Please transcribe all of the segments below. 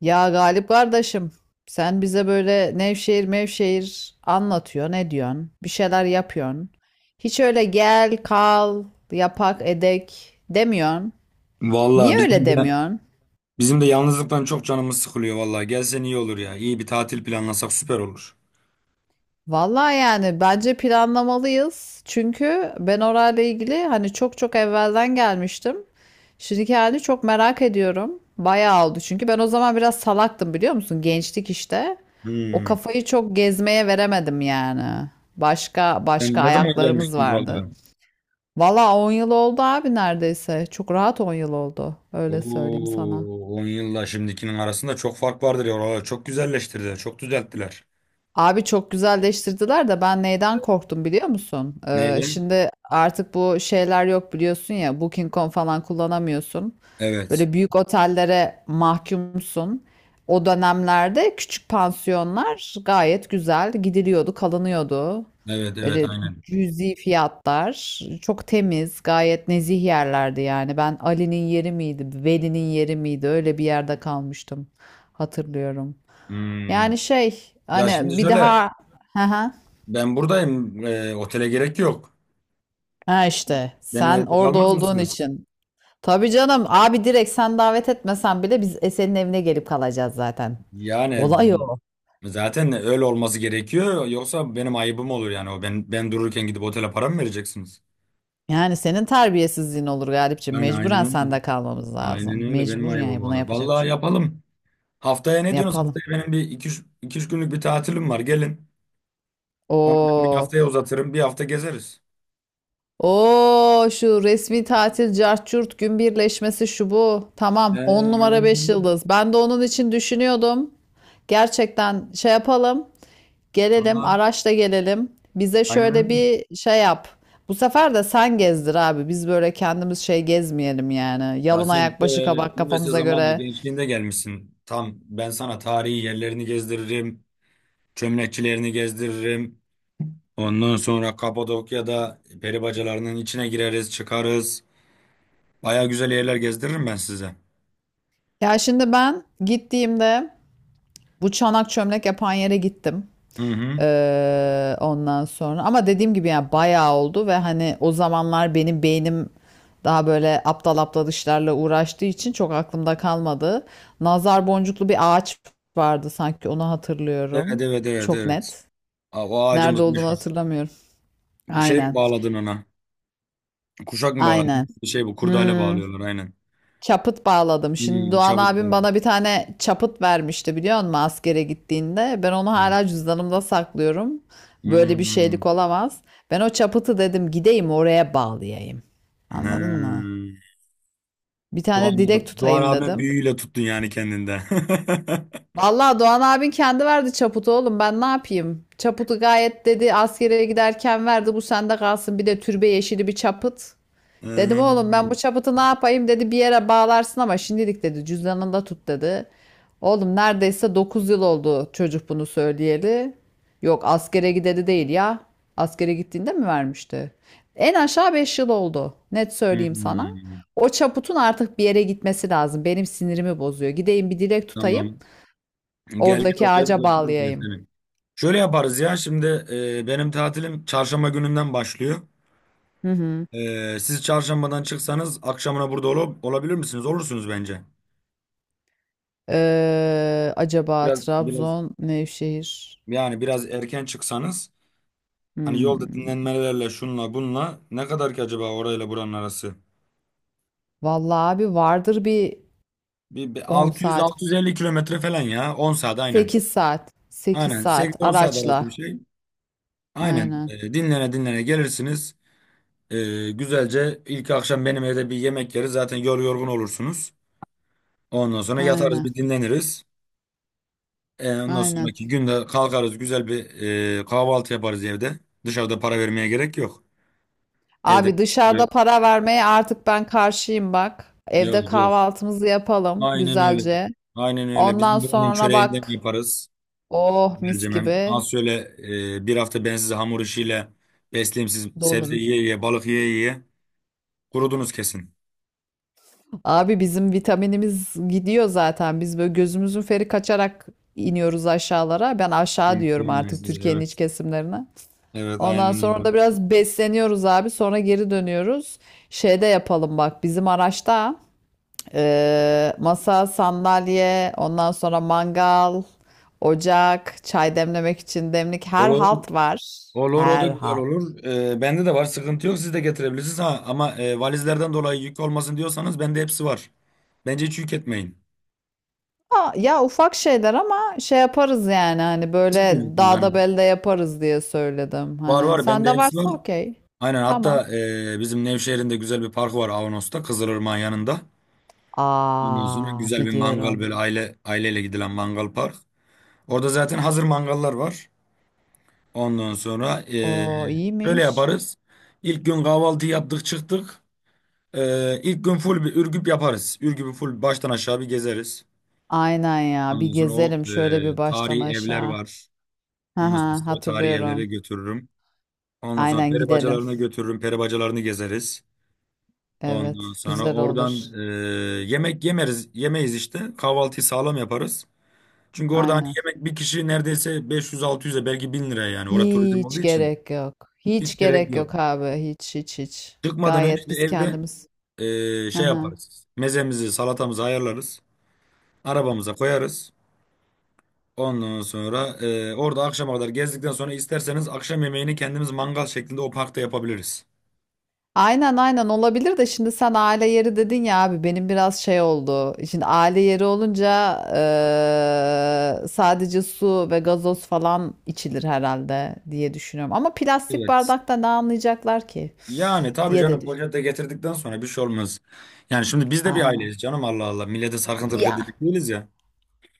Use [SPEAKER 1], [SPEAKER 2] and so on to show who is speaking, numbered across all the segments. [SPEAKER 1] Ya Galip kardeşim, sen bize böyle Nevşehir mevşehir anlatıyorsun, ne diyorsun? Bir şeyler yapıyorsun. Hiç öyle gel, kal, yapak, edek demiyorsun.
[SPEAKER 2] Vallahi
[SPEAKER 1] Niye öyle
[SPEAKER 2] bizim de
[SPEAKER 1] demiyorsun?
[SPEAKER 2] bizim de yalnızlıktan çok canımız sıkılıyor vallahi. Gelsen iyi olur ya. İyi bir tatil planlasak süper olur.
[SPEAKER 1] Vallahi yani bence planlamalıyız. Çünkü ben orayla ilgili hani çok çok evvelden gelmiştim. Şimdiki halini çok merak ediyorum. Bayağı oldu çünkü ben o zaman biraz salaktım biliyor musun? Gençlik işte. O
[SPEAKER 2] Hmm.
[SPEAKER 1] kafayı çok gezmeye veremedim yani. Başka
[SPEAKER 2] Sen
[SPEAKER 1] başka
[SPEAKER 2] ne zaman
[SPEAKER 1] ayaklarımız
[SPEAKER 2] gelmiştin
[SPEAKER 1] vardı.
[SPEAKER 2] buralara?
[SPEAKER 1] Vallahi 10 yıl oldu abi neredeyse. Çok rahat 10 yıl oldu. Öyle söyleyeyim sana.
[SPEAKER 2] Oo, 10 yılla şimdikinin arasında çok fark vardır ya. Oralar çok güzelleştirdiler, çok düzelttiler.
[SPEAKER 1] Abi çok güzelleştirdiler de ben neyden korktum biliyor musun?
[SPEAKER 2] Neydi?
[SPEAKER 1] Şimdi artık bu şeyler yok biliyorsun ya, Booking.com falan kullanamıyorsun.
[SPEAKER 2] Evet.
[SPEAKER 1] Böyle büyük otellere mahkumsun. O dönemlerde küçük pansiyonlar gayet güzel gidiliyordu, kalınıyordu.
[SPEAKER 2] Evet, evet,
[SPEAKER 1] Öyle
[SPEAKER 2] aynen.
[SPEAKER 1] cüzi fiyatlar, çok temiz, gayet nezih yerlerdi yani. Ben Ali'nin yeri miydi, Veli'nin yeri miydi? Öyle bir yerde kalmıştım. Hatırlıyorum.
[SPEAKER 2] Hmm.
[SPEAKER 1] Yani şey
[SPEAKER 2] Ya şimdi
[SPEAKER 1] hani bir
[SPEAKER 2] şöyle,
[SPEAKER 1] daha. Hı hı.
[SPEAKER 2] ben buradayım. Otele gerek yok.
[SPEAKER 1] Ha işte
[SPEAKER 2] Benim
[SPEAKER 1] sen
[SPEAKER 2] evde
[SPEAKER 1] orada
[SPEAKER 2] kalmaz
[SPEAKER 1] olduğun
[SPEAKER 2] mısınız?
[SPEAKER 1] için. Tabii canım abi, direkt sen davet etmesen bile biz Esen'in evine gelip kalacağız zaten.
[SPEAKER 2] Yani
[SPEAKER 1] Olay o.
[SPEAKER 2] zaten öyle olması gerekiyor. Yoksa benim ayıbım olur yani. O ben dururken gidip otele para mı vereceksiniz?
[SPEAKER 1] Yani senin terbiyesizliğin olur Galipciğim.
[SPEAKER 2] Yani aynen
[SPEAKER 1] Mecburen
[SPEAKER 2] öyle.
[SPEAKER 1] sende kalmamız
[SPEAKER 2] Aynen
[SPEAKER 1] lazım.
[SPEAKER 2] öyle benim
[SPEAKER 1] Mecbur
[SPEAKER 2] ayıbım
[SPEAKER 1] yani, buna
[SPEAKER 2] olur.
[SPEAKER 1] yapacak bir
[SPEAKER 2] Vallahi
[SPEAKER 1] şey yok.
[SPEAKER 2] yapalım. Haftaya ne diyorsunuz?
[SPEAKER 1] Yapalım.
[SPEAKER 2] Haftaya benim bir iki, iki üç günlük bir tatilim var. Gelin. Onu ben bir
[SPEAKER 1] Oo,
[SPEAKER 2] haftaya uzatırım. Bir hafta gezeriz.
[SPEAKER 1] o şu resmi tatil cart curt gün birleşmesi şu bu. Tamam,
[SPEAKER 2] Ee,
[SPEAKER 1] 10
[SPEAKER 2] aynen
[SPEAKER 1] numara 5
[SPEAKER 2] öyle.
[SPEAKER 1] yıldız. Ben de onun için düşünüyordum. Gerçekten şey yapalım. Gelelim,
[SPEAKER 2] Tamam.
[SPEAKER 1] araçla gelelim. Bize
[SPEAKER 2] Aynen öyle.
[SPEAKER 1] şöyle bir şey yap. Bu sefer de sen gezdir abi. Biz böyle kendimiz şey gezmeyelim yani.
[SPEAKER 2] Ya
[SPEAKER 1] Yalın
[SPEAKER 2] sen
[SPEAKER 1] ayak
[SPEAKER 2] de
[SPEAKER 1] başı kabak
[SPEAKER 2] üniversite
[SPEAKER 1] kafamıza
[SPEAKER 2] zamanında
[SPEAKER 1] göre.
[SPEAKER 2] gençliğinde gelmişsin. Tam ben sana tarihi yerlerini gezdiririm. Çömlekçilerini gezdiririm. Ondan sonra Kapadokya'da peri bacalarının içine gireriz, çıkarız. Baya güzel yerler gezdiririm ben size.
[SPEAKER 1] Ya şimdi ben gittiğimde bu çanak çömlek yapan yere gittim.
[SPEAKER 2] Hı hı.
[SPEAKER 1] Ondan sonra ama dediğim gibi yani bayağı oldu ve hani o zamanlar benim beynim daha böyle aptal aptal işlerle uğraştığı için çok aklımda kalmadı. Nazar boncuklu bir ağaç vardı, sanki onu
[SPEAKER 2] Evet,
[SPEAKER 1] hatırlıyorum.
[SPEAKER 2] evet, evet,
[SPEAKER 1] Çok
[SPEAKER 2] evet.
[SPEAKER 1] net.
[SPEAKER 2] Aa, o
[SPEAKER 1] Nerede
[SPEAKER 2] ağacımız
[SPEAKER 1] olduğunu
[SPEAKER 2] meşhur.
[SPEAKER 1] hatırlamıyorum.
[SPEAKER 2] Şey mi
[SPEAKER 1] Aynen.
[SPEAKER 2] bağladın ona? Kuşak mı bağladın?
[SPEAKER 1] Aynen.
[SPEAKER 2] Bir şey bu, kurdale
[SPEAKER 1] Hmm.
[SPEAKER 2] bağlıyorlar aynen.
[SPEAKER 1] Çaput bağladım. Şimdi
[SPEAKER 2] Hmm,
[SPEAKER 1] Doğan
[SPEAKER 2] çabuk
[SPEAKER 1] abim
[SPEAKER 2] bağladı.
[SPEAKER 1] bana bir tane çaput vermişti biliyor musun, askere gittiğinde. Ben onu
[SPEAKER 2] Evet.
[SPEAKER 1] hala cüzdanımda saklıyorum. Böyle bir
[SPEAKER 2] Hmm.
[SPEAKER 1] şeylik olamaz. Ben o çapıtı dedim gideyim oraya bağlayayım. Anladın mı?
[SPEAKER 2] He.
[SPEAKER 1] Bir tane dilek
[SPEAKER 2] Doğan, Doğan
[SPEAKER 1] tutayım
[SPEAKER 2] abimin
[SPEAKER 1] dedim.
[SPEAKER 2] büyüğüyle tuttun yani kendinde.
[SPEAKER 1] Vallahi Doğan abin kendi verdi çaputu oğlum, ben ne yapayım? Çaputu gayet dedi askere giderken verdi, bu sende kalsın, bir de türbe yeşili bir çaput. Dedim oğlum ben bu
[SPEAKER 2] Hmm.
[SPEAKER 1] çapıtı ne yapayım, dedi bir yere bağlarsın ama şimdilik dedi cüzdanında tut dedi. Oğlum neredeyse 9 yıl oldu çocuk bunu söyleyeli. Yok askere gideli değil ya. Askere gittiğinde mi vermişti? En aşağı 5 yıl oldu. Net söyleyeyim sana.
[SPEAKER 2] Hmm.
[SPEAKER 1] O çaputun artık bir yere gitmesi lazım. Benim sinirimi bozuyor. Gideyim bir dilek tutayım.
[SPEAKER 2] Tamam. Gel gel
[SPEAKER 1] Oradaki
[SPEAKER 2] oraya da
[SPEAKER 1] ağaca
[SPEAKER 2] götürürüm ya
[SPEAKER 1] bağlayayım.
[SPEAKER 2] seni. Şöyle yaparız ya şimdi benim tatilim çarşamba gününden başlıyor.
[SPEAKER 1] Hı hı.
[SPEAKER 2] E, siz çarşambadan çıksanız akşamına burada olabilir misiniz? Olursunuz bence.
[SPEAKER 1] Acaba
[SPEAKER 2] Biraz
[SPEAKER 1] Trabzon, Nevşehir.
[SPEAKER 2] yani biraz erken çıksanız hani yolda
[SPEAKER 1] Hmm.
[SPEAKER 2] dinlenmelerle şunla bunla ne kadar ki acaba orayla buranın arası?
[SPEAKER 1] Vallahi abi vardır bir.
[SPEAKER 2] Bir
[SPEAKER 1] 10 saat,
[SPEAKER 2] 600-650 kilometre falan ya 10 saat aynen.
[SPEAKER 1] 8 saat, 8
[SPEAKER 2] Aynen
[SPEAKER 1] saat
[SPEAKER 2] 8-10 saat arası bir
[SPEAKER 1] araçla.
[SPEAKER 2] şey. Aynen
[SPEAKER 1] Aynen,
[SPEAKER 2] dinlene dinlene gelirsiniz. E, güzelce ilk akşam benim evde bir yemek yeriz zaten yorgun olursunuz. Ondan sonra yatarız
[SPEAKER 1] aynen,
[SPEAKER 2] bir dinleniriz. E, ondan
[SPEAKER 1] aynen.
[SPEAKER 2] sonraki günde kalkarız güzel bir kahvaltı yaparız evde. Dışarıda para vermeye gerek yok. Evde
[SPEAKER 1] Abi
[SPEAKER 2] mis
[SPEAKER 1] dışarıda
[SPEAKER 2] gibi-
[SPEAKER 1] para vermeye artık ben karşıyım bak.
[SPEAKER 2] yok
[SPEAKER 1] Evde
[SPEAKER 2] yok.
[SPEAKER 1] kahvaltımızı yapalım
[SPEAKER 2] Aynen öyle.
[SPEAKER 1] güzelce.
[SPEAKER 2] Aynen öyle.
[SPEAKER 1] Ondan
[SPEAKER 2] Bizim buranın
[SPEAKER 1] sonra
[SPEAKER 2] çöreğinden
[SPEAKER 1] bak,
[SPEAKER 2] yaparız.
[SPEAKER 1] oh
[SPEAKER 2] Güzelce
[SPEAKER 1] mis gibi
[SPEAKER 2] az şöyle bir hafta ben sizi hamur işiyle besleyeyim siz sebze
[SPEAKER 1] dolurum.
[SPEAKER 2] yiye yiye balık yiye yiye kurudunuz kesin.
[SPEAKER 1] Abi bizim vitaminimiz gidiyor zaten. Biz böyle gözümüzün feri kaçarak iniyoruz aşağılara. Ben aşağı
[SPEAKER 2] Diyorum
[SPEAKER 1] diyorum
[SPEAKER 2] ben
[SPEAKER 1] artık
[SPEAKER 2] size
[SPEAKER 1] Türkiye'nin iç
[SPEAKER 2] evet.
[SPEAKER 1] kesimlerine.
[SPEAKER 2] Evet
[SPEAKER 1] Ondan
[SPEAKER 2] aynen
[SPEAKER 1] sonra
[SPEAKER 2] öyle.
[SPEAKER 1] da biraz besleniyoruz abi. Sonra geri dönüyoruz. Şeyde yapalım bak, bizim araçta masa, sandalye, ondan sonra mangal, ocak, çay demlemek için demlik, her
[SPEAKER 2] Olur.
[SPEAKER 1] halt var.
[SPEAKER 2] Olur o da
[SPEAKER 1] Her
[SPEAKER 2] güzel
[SPEAKER 1] halt.
[SPEAKER 2] olur. Bende de var sıkıntı yok siz de getirebilirsiniz ha ama valizlerden dolayı yük olmasın diyorsanız bende hepsi var. Bence hiç yük etmeyin.
[SPEAKER 1] Ha, ya ufak şeyler ama şey yaparız yani, hani
[SPEAKER 2] Siz
[SPEAKER 1] böyle
[SPEAKER 2] bilirsiniz hani.
[SPEAKER 1] dağda belde yaparız diye söyledim
[SPEAKER 2] Var
[SPEAKER 1] hani.
[SPEAKER 2] var bende
[SPEAKER 1] Sende
[SPEAKER 2] hepsi var.
[SPEAKER 1] varsa okey.
[SPEAKER 2] Aynen hatta
[SPEAKER 1] Tamam.
[SPEAKER 2] bizim Nevşehir'in de güzel bir parkı var Avanos'ta Kızılırmak'ın yanında. Ondan sonra
[SPEAKER 1] Aa,
[SPEAKER 2] güzel bir mangal
[SPEAKER 1] biliyorum.
[SPEAKER 2] böyle aile aileyle gidilen mangal park. Orada zaten hazır mangallar var. Ondan sonra
[SPEAKER 1] O
[SPEAKER 2] şöyle
[SPEAKER 1] iyiymiş.
[SPEAKER 2] yaparız. İlk gün kahvaltı yaptık çıktık. İlk gün full bir Ürgüp yaparız. Ürgüp'ü full baştan aşağı bir gezeriz.
[SPEAKER 1] Aynen ya, bir
[SPEAKER 2] Ondan sonra o
[SPEAKER 1] gezelim şöyle bir baştan
[SPEAKER 2] tarihi evler
[SPEAKER 1] aşağı.
[SPEAKER 2] var. Ondan sonra
[SPEAKER 1] Haha,
[SPEAKER 2] sizi o tarihi evlere
[SPEAKER 1] hatırlıyorum.
[SPEAKER 2] götürürüm. Ondan sonra
[SPEAKER 1] Aynen
[SPEAKER 2] peri
[SPEAKER 1] gidelim.
[SPEAKER 2] bacalarına götürürüm. Peri bacalarını gezeriz. Ondan
[SPEAKER 1] Evet
[SPEAKER 2] sonra
[SPEAKER 1] güzel olur.
[SPEAKER 2] oradan yemek yemeriz, yemeyiz işte. Kahvaltıyı sağlam yaparız. Çünkü orada hani
[SPEAKER 1] Aynen.
[SPEAKER 2] yemek bir kişi neredeyse 500-600'e belki 1.000 liraya yani. Orada turizm olduğu
[SPEAKER 1] Hiç
[SPEAKER 2] için
[SPEAKER 1] gerek yok.
[SPEAKER 2] hiç
[SPEAKER 1] Hiç
[SPEAKER 2] gerek
[SPEAKER 1] gerek
[SPEAKER 2] yok.
[SPEAKER 1] yok abi. Hiç hiç hiç.
[SPEAKER 2] Çıkmadan önce
[SPEAKER 1] Gayet
[SPEAKER 2] de
[SPEAKER 1] biz
[SPEAKER 2] evde
[SPEAKER 1] kendimiz.
[SPEAKER 2] şey
[SPEAKER 1] Haha.
[SPEAKER 2] yaparız. Mezemizi, salatamızı ayarlarız. Arabamıza koyarız. Ondan sonra orada akşama kadar gezdikten sonra isterseniz akşam yemeğini kendimiz mangal şeklinde o parkta yapabiliriz.
[SPEAKER 1] Aynen aynen olabilir de, şimdi sen aile yeri dedin ya abi, benim biraz şey oldu. Şimdi aile yeri olunca sadece su ve gazoz falan içilir herhalde diye düşünüyorum. Ama plastik
[SPEAKER 2] Evet.
[SPEAKER 1] bardakta ne anlayacaklar ki
[SPEAKER 2] Yani tabii
[SPEAKER 1] diye de
[SPEAKER 2] canım
[SPEAKER 1] düşünüyorum.
[SPEAKER 2] poşet getirdikten sonra bir şey olmaz. Yani şimdi biz de bir
[SPEAKER 1] Aynen.
[SPEAKER 2] aileyiz canım Allah Allah. Millete sarkıntılık
[SPEAKER 1] Ya.
[SPEAKER 2] edecek değiliz ya.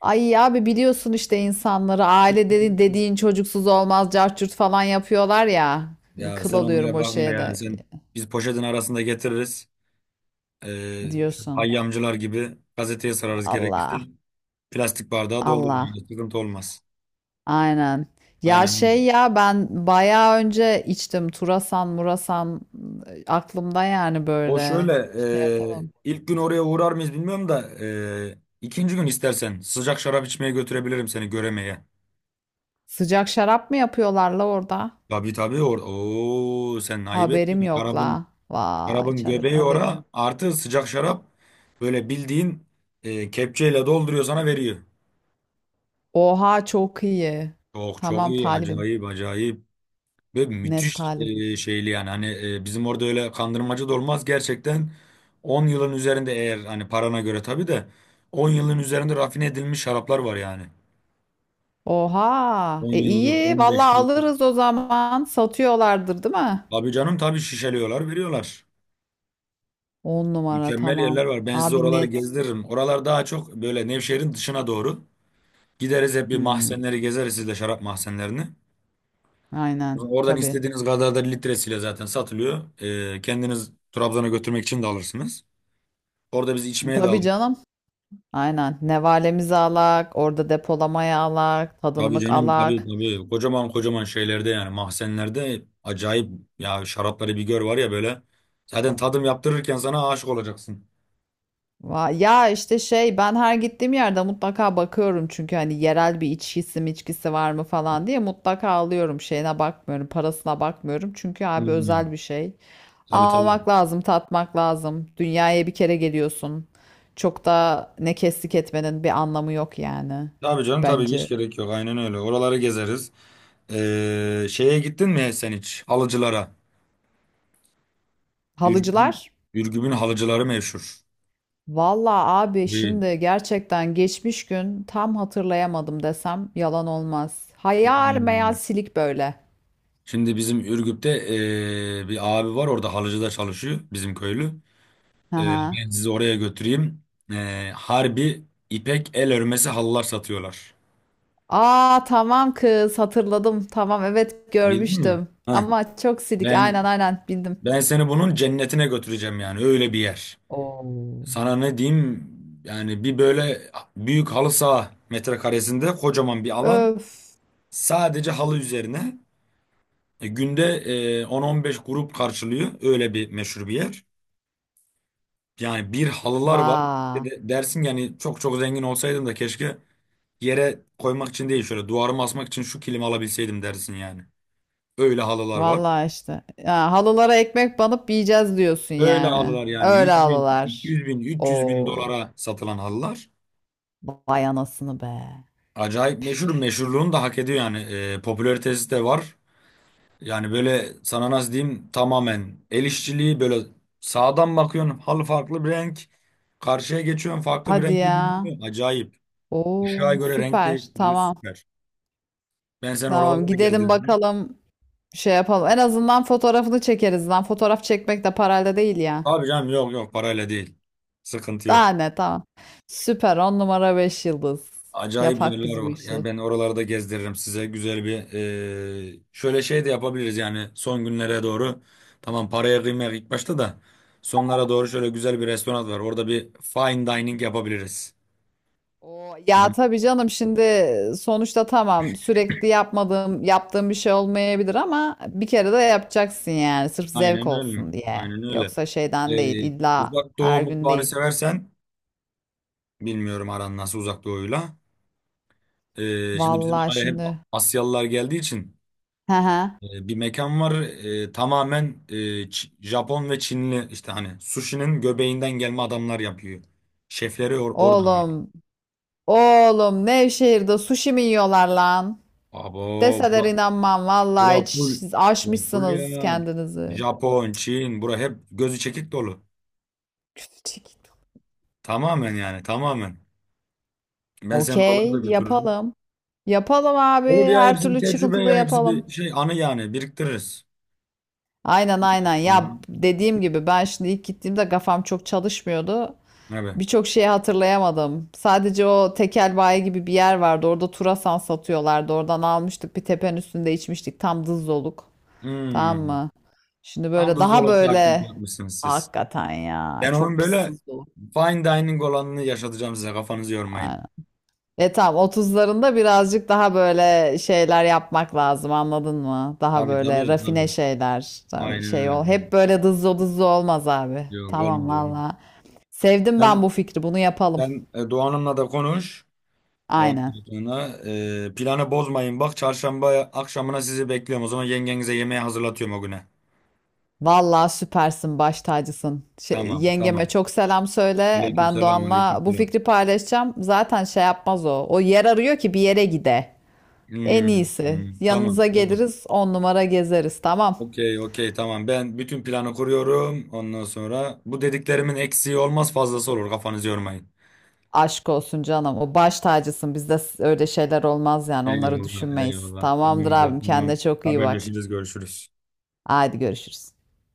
[SPEAKER 1] Ay abi biliyorsun işte, insanları aile dedi, dediğin çocuksuz olmaz cart falan yapıyorlar ya.
[SPEAKER 2] Ya
[SPEAKER 1] Kıl
[SPEAKER 2] sen
[SPEAKER 1] oluyorum
[SPEAKER 2] onlara
[SPEAKER 1] o
[SPEAKER 2] bakma
[SPEAKER 1] şeye
[SPEAKER 2] ya.
[SPEAKER 1] de
[SPEAKER 2] Sen biz poşetin arasında getiririz. Şu
[SPEAKER 1] diyorsun.
[SPEAKER 2] hayyamcılar gibi gazeteye sararız gerekirse.
[SPEAKER 1] Allah
[SPEAKER 2] Plastik bardağa doldururuz.
[SPEAKER 1] Allah.
[SPEAKER 2] Yani sıkıntı olmaz.
[SPEAKER 1] Aynen. Ya şey
[SPEAKER 2] Aynen.
[SPEAKER 1] ya, ben bayağı önce içtim. Turasan, murasan aklımda yani,
[SPEAKER 2] O şöyle
[SPEAKER 1] böyle şey yapalım.
[SPEAKER 2] ilk gün oraya uğrar mıyız bilmiyorum da ikinci gün istersen sıcak şarap içmeye götürebilirim seni göremeye.
[SPEAKER 1] Sıcak şarap mı yapıyorlar la orada?
[SPEAKER 2] Tabii tabii Oo, sen ayıp ettin.
[SPEAKER 1] Haberim yok
[SPEAKER 2] Şarabın,
[SPEAKER 1] la. Vay
[SPEAKER 2] şarabın
[SPEAKER 1] çare,
[SPEAKER 2] göbeği
[SPEAKER 1] haberim
[SPEAKER 2] ora
[SPEAKER 1] yok.
[SPEAKER 2] artı sıcak şarap böyle bildiğin kepçeyle dolduruyor sana veriyor.
[SPEAKER 1] Oha çok iyi.
[SPEAKER 2] Çok çok
[SPEAKER 1] Tamam
[SPEAKER 2] iyi
[SPEAKER 1] talibim.
[SPEAKER 2] acayip acayip ve
[SPEAKER 1] Net
[SPEAKER 2] müthiş
[SPEAKER 1] talibim.
[SPEAKER 2] şeyli yani hani bizim orada öyle kandırmacı da olmaz gerçekten 10 yılın üzerinde eğer hani parana göre tabii de 10 yılın üzerinde rafine edilmiş şaraplar var yani.
[SPEAKER 1] Oha.
[SPEAKER 2] 10
[SPEAKER 1] E
[SPEAKER 2] yıllık,
[SPEAKER 1] iyi.
[SPEAKER 2] 15
[SPEAKER 1] Vallahi
[SPEAKER 2] yıllık.
[SPEAKER 1] alırız o zaman. Satıyorlardır değil mi?
[SPEAKER 2] Abi canım tabii şişeliyorlar, veriyorlar.
[SPEAKER 1] On numara
[SPEAKER 2] Mükemmel
[SPEAKER 1] tamam.
[SPEAKER 2] yerler var. Ben size
[SPEAKER 1] Abi
[SPEAKER 2] oraları
[SPEAKER 1] net.
[SPEAKER 2] gezdiririm. Oralar daha çok böyle Nevşehir'in dışına doğru. Gideriz hep bir
[SPEAKER 1] Hmm,
[SPEAKER 2] mahzenleri gezeriz sizle şarap mahzenlerini.
[SPEAKER 1] aynen.
[SPEAKER 2] Oradan
[SPEAKER 1] Tabii.
[SPEAKER 2] istediğiniz kadar da litresiyle zaten satılıyor. Kendiniz Trabzon'a götürmek için de alırsınız. Orada biz içmeye de
[SPEAKER 1] Tabii
[SPEAKER 2] alırız.
[SPEAKER 1] canım. Aynen. Nevalemiz alak, orada depolamaya alak,
[SPEAKER 2] Tabii
[SPEAKER 1] tadımlık
[SPEAKER 2] canım tabii
[SPEAKER 1] alak.
[SPEAKER 2] tabii. Kocaman kocaman şeylerde yani mahzenlerde acayip ya şarapları bir gör var ya böyle. Zaten tadım yaptırırken sana aşık olacaksın.
[SPEAKER 1] Ya işte şey, ben her gittiğim yerde mutlaka bakıyorum çünkü hani yerel bir içkisi mi, içkisi var mı falan diye mutlaka alıyorum. Şeyine bakmıyorum, parasına bakmıyorum çünkü abi
[SPEAKER 2] Hmm.
[SPEAKER 1] özel bir şey.
[SPEAKER 2] Tabii tabii.
[SPEAKER 1] Almak lazım, tatmak lazım. Dünyaya bir kere geliyorsun. Çok da ne kestik etmenin bir anlamı yok yani,
[SPEAKER 2] Tabii canım tabii ki hiç
[SPEAKER 1] bence.
[SPEAKER 2] gerek yok. Aynen öyle. Oraları gezeriz. Şeye gittin mi sen hiç? Halıcılara. Ürgüp'ün
[SPEAKER 1] Halıcılar?
[SPEAKER 2] Ürgüp'ün halıcıları meşhur.
[SPEAKER 1] Valla abi
[SPEAKER 2] Değil.
[SPEAKER 1] şimdi gerçekten geçmiş gün, tam hatırlayamadım desem yalan olmaz. Hayal meyal
[SPEAKER 2] Hmm.
[SPEAKER 1] silik böyle.
[SPEAKER 2] Şimdi bizim Ürgüp'te bir abi var orada halıcıda çalışıyor bizim köylü.
[SPEAKER 1] Hı hı.
[SPEAKER 2] Ben sizi oraya götüreyim. Harbi ipek el örmesi halılar satıyorlar.
[SPEAKER 1] Aa tamam kız, hatırladım. Tamam evet
[SPEAKER 2] Bildin mi?
[SPEAKER 1] görmüştüm.
[SPEAKER 2] Heh.
[SPEAKER 1] Ama çok silik, aynen
[SPEAKER 2] Ben
[SPEAKER 1] aynen bildim.
[SPEAKER 2] ben seni bunun cennetine götüreceğim yani öyle bir yer.
[SPEAKER 1] Oo.
[SPEAKER 2] Sana ne diyeyim? Yani bir böyle büyük halı saha metrekaresinde kocaman bir alan.
[SPEAKER 1] Öf.
[SPEAKER 2] Sadece halı üzerine. Günde 10-15 grup karşılıyor. Öyle bir meşhur bir yer. Yani bir halılar var.
[SPEAKER 1] Va.
[SPEAKER 2] Dersin yani çok çok zengin olsaydım da keşke yere koymak için değil şöyle duvarıma asmak için şu kilimi alabilseydim dersin yani. Öyle halılar var.
[SPEAKER 1] Valla işte. Ya, halılara ekmek banıp yiyeceğiz diyorsun
[SPEAKER 2] Öyle
[SPEAKER 1] yani.
[SPEAKER 2] halılar yani
[SPEAKER 1] Öyle
[SPEAKER 2] 100 bin,
[SPEAKER 1] halılar.
[SPEAKER 2] 200 bin, 300 bin
[SPEAKER 1] Oo.
[SPEAKER 2] dolara satılan halılar.
[SPEAKER 1] Vay anasını be.
[SPEAKER 2] Acayip meşhur. Meşhurluğunu da hak ediyor yani. Popülaritesi de var. Yani böyle sana nasıl diyeyim tamamen el işçiliği böyle sağdan bakıyorsun halı farklı bir renk. Karşıya geçiyorsun farklı bir
[SPEAKER 1] Hadi
[SPEAKER 2] renge
[SPEAKER 1] ya.
[SPEAKER 2] bürünüyor. Acayip. Işığa
[SPEAKER 1] Oo
[SPEAKER 2] göre renk
[SPEAKER 1] süper.
[SPEAKER 2] değiştiriyor
[SPEAKER 1] Tamam.
[SPEAKER 2] süper. Ben seni
[SPEAKER 1] Tamam.
[SPEAKER 2] oralara da
[SPEAKER 1] Gidelim
[SPEAKER 2] gezdirdim.
[SPEAKER 1] bakalım. Şey yapalım. En azından fotoğrafını çekeriz lan. Fotoğraf çekmek de parayla değil ya.
[SPEAKER 2] Abi canım yok yok parayla değil. Sıkıntı
[SPEAKER 1] Daha
[SPEAKER 2] yok.
[SPEAKER 1] ne, tamam. Süper. On numara 5 yıldız.
[SPEAKER 2] Acayip
[SPEAKER 1] Yapak
[SPEAKER 2] yerler
[SPEAKER 1] biz bu
[SPEAKER 2] var. Yani
[SPEAKER 1] işi.
[SPEAKER 2] ben oraları da gezdiririm size. Güzel bir şöyle şey de yapabiliriz yani son günlere doğru. Tamam paraya kıymak ilk başta da sonlara doğru şöyle güzel bir restoran var. Orada bir fine dining yapabiliriz.
[SPEAKER 1] Oo,
[SPEAKER 2] Bu da
[SPEAKER 1] ya tabii canım, şimdi sonuçta tamam, sürekli yapmadığım yaptığım bir şey olmayabilir ama bir kere de yapacaksın yani, sırf zevk
[SPEAKER 2] aynen öyle.
[SPEAKER 1] olsun diye.
[SPEAKER 2] Aynen öyle.
[SPEAKER 1] Yoksa şeyden değil,
[SPEAKER 2] Ee,
[SPEAKER 1] illa
[SPEAKER 2] Uzak doğu
[SPEAKER 1] her gün
[SPEAKER 2] mutfağını
[SPEAKER 1] değil.
[SPEAKER 2] seversen bilmiyorum aran nasıl uzak doğuyla. Şimdi bizim
[SPEAKER 1] Vallahi
[SPEAKER 2] oraya hep
[SPEAKER 1] şimdi.
[SPEAKER 2] Asyalılar geldiği için
[SPEAKER 1] Hı hı.
[SPEAKER 2] bir mekan var. Tamamen Japon ve Çinli işte hani sushi'nin göbeğinden gelme adamlar yapıyor. Şefleri oradan.
[SPEAKER 1] Oğlum Oğlum Nevşehir'de sushi mi yiyorlar lan?
[SPEAKER 2] Abo
[SPEAKER 1] Deseler
[SPEAKER 2] bura,
[SPEAKER 1] inanmam
[SPEAKER 2] bura
[SPEAKER 1] vallahi, hiç
[SPEAKER 2] full,
[SPEAKER 1] siz
[SPEAKER 2] bura full
[SPEAKER 1] aşmışsınız
[SPEAKER 2] ya.
[SPEAKER 1] kendinizi.
[SPEAKER 2] Japon, Çin bura hep gözü çekik dolu.
[SPEAKER 1] Küçücük.
[SPEAKER 2] Tamamen yani tamamen. Ben seni oralara da
[SPEAKER 1] Okey
[SPEAKER 2] götürürüm.
[SPEAKER 1] yapalım. Yapalım abi,
[SPEAKER 2] Olur ya
[SPEAKER 1] her
[SPEAKER 2] hepsi bir
[SPEAKER 1] türlü
[SPEAKER 2] tecrübe
[SPEAKER 1] çıkıntılı
[SPEAKER 2] ya hepsi bir
[SPEAKER 1] yapalım.
[SPEAKER 2] şey anı yani biriktiririz.
[SPEAKER 1] Aynen aynen
[SPEAKER 2] Hı
[SPEAKER 1] ya,
[SPEAKER 2] hı.
[SPEAKER 1] dediğim gibi ben şimdi ilk gittiğimde kafam çok çalışmıyordu.
[SPEAKER 2] Evet.
[SPEAKER 1] Birçok şeyi hatırlayamadım. Sadece o tekel bayi gibi bir yer vardı. Orada Turasan satıyorlardı. Oradan almıştık. Bir tepenin üstünde içmiştik. Tam dızdoluk. Tamam
[SPEAKER 2] Hmm.
[SPEAKER 1] mı? Şimdi
[SPEAKER 2] Tam
[SPEAKER 1] böyle
[SPEAKER 2] da
[SPEAKER 1] daha
[SPEAKER 2] zooloji aktivite
[SPEAKER 1] böyle.
[SPEAKER 2] yapmışsınız siz.
[SPEAKER 1] Hakikaten ya.
[SPEAKER 2] Ben onun
[SPEAKER 1] Çok pis
[SPEAKER 2] böyle
[SPEAKER 1] tuzlu.
[SPEAKER 2] fine dining olanını yaşatacağım size kafanızı yormayın.
[SPEAKER 1] Aynen. E tamam, 30'larında birazcık daha böyle şeyler yapmak lazım anladın mı? Daha
[SPEAKER 2] Tabii
[SPEAKER 1] böyle
[SPEAKER 2] tabii
[SPEAKER 1] rafine
[SPEAKER 2] tabii.
[SPEAKER 1] şeyler. Tabii
[SPEAKER 2] Aynen
[SPEAKER 1] şey
[SPEAKER 2] öyle.
[SPEAKER 1] ol. Hep böyle dızlı dızlı olmaz abi.
[SPEAKER 2] Yok
[SPEAKER 1] Tamam
[SPEAKER 2] olmaz olmaz.
[SPEAKER 1] valla. Sevdim ben
[SPEAKER 2] Sen,
[SPEAKER 1] bu fikri. Bunu yapalım.
[SPEAKER 2] sen Doğan Hanım'la da konuş.
[SPEAKER 1] Aynen.
[SPEAKER 2] Ondan sonra planı bozmayın. Bak çarşamba akşamına sizi bekliyorum. O zaman yengenize yemeği hazırlatıyorum o güne.
[SPEAKER 1] Valla süpersin, baş tacısın. Şey,
[SPEAKER 2] Tamam
[SPEAKER 1] yengeme
[SPEAKER 2] tamam.
[SPEAKER 1] çok selam söyle. Ben
[SPEAKER 2] Aleykümselam
[SPEAKER 1] Doğan'la bu
[SPEAKER 2] aleykümselam.
[SPEAKER 1] fikri paylaşacağım. Zaten şey yapmaz o. O yer arıyor ki bir yere gide. En
[SPEAKER 2] Hmm,
[SPEAKER 1] iyisi.
[SPEAKER 2] hmm, tamam
[SPEAKER 1] Yanınıza
[SPEAKER 2] tamam.
[SPEAKER 1] geliriz, on numara gezeriz. Tamam.
[SPEAKER 2] Okey, okey, tamam. Ben bütün planı kuruyorum. Ondan sonra bu dediklerimin eksiği olmaz, fazlası olur. Kafanızı yormayın.
[SPEAKER 1] Aşk olsun canım. O baş tacısın. Bizde öyle şeyler olmaz yani. Onları
[SPEAKER 2] Eyvallah,
[SPEAKER 1] düşünmeyiz.
[SPEAKER 2] eyvallah.
[SPEAKER 1] Tamamdır
[SPEAKER 2] Tamamdır,
[SPEAKER 1] abim.
[SPEAKER 2] tamam.
[SPEAKER 1] Kendine çok iyi bak.
[SPEAKER 2] Haberleşiriz, görüşürüz.
[SPEAKER 1] Haydi görüşürüz.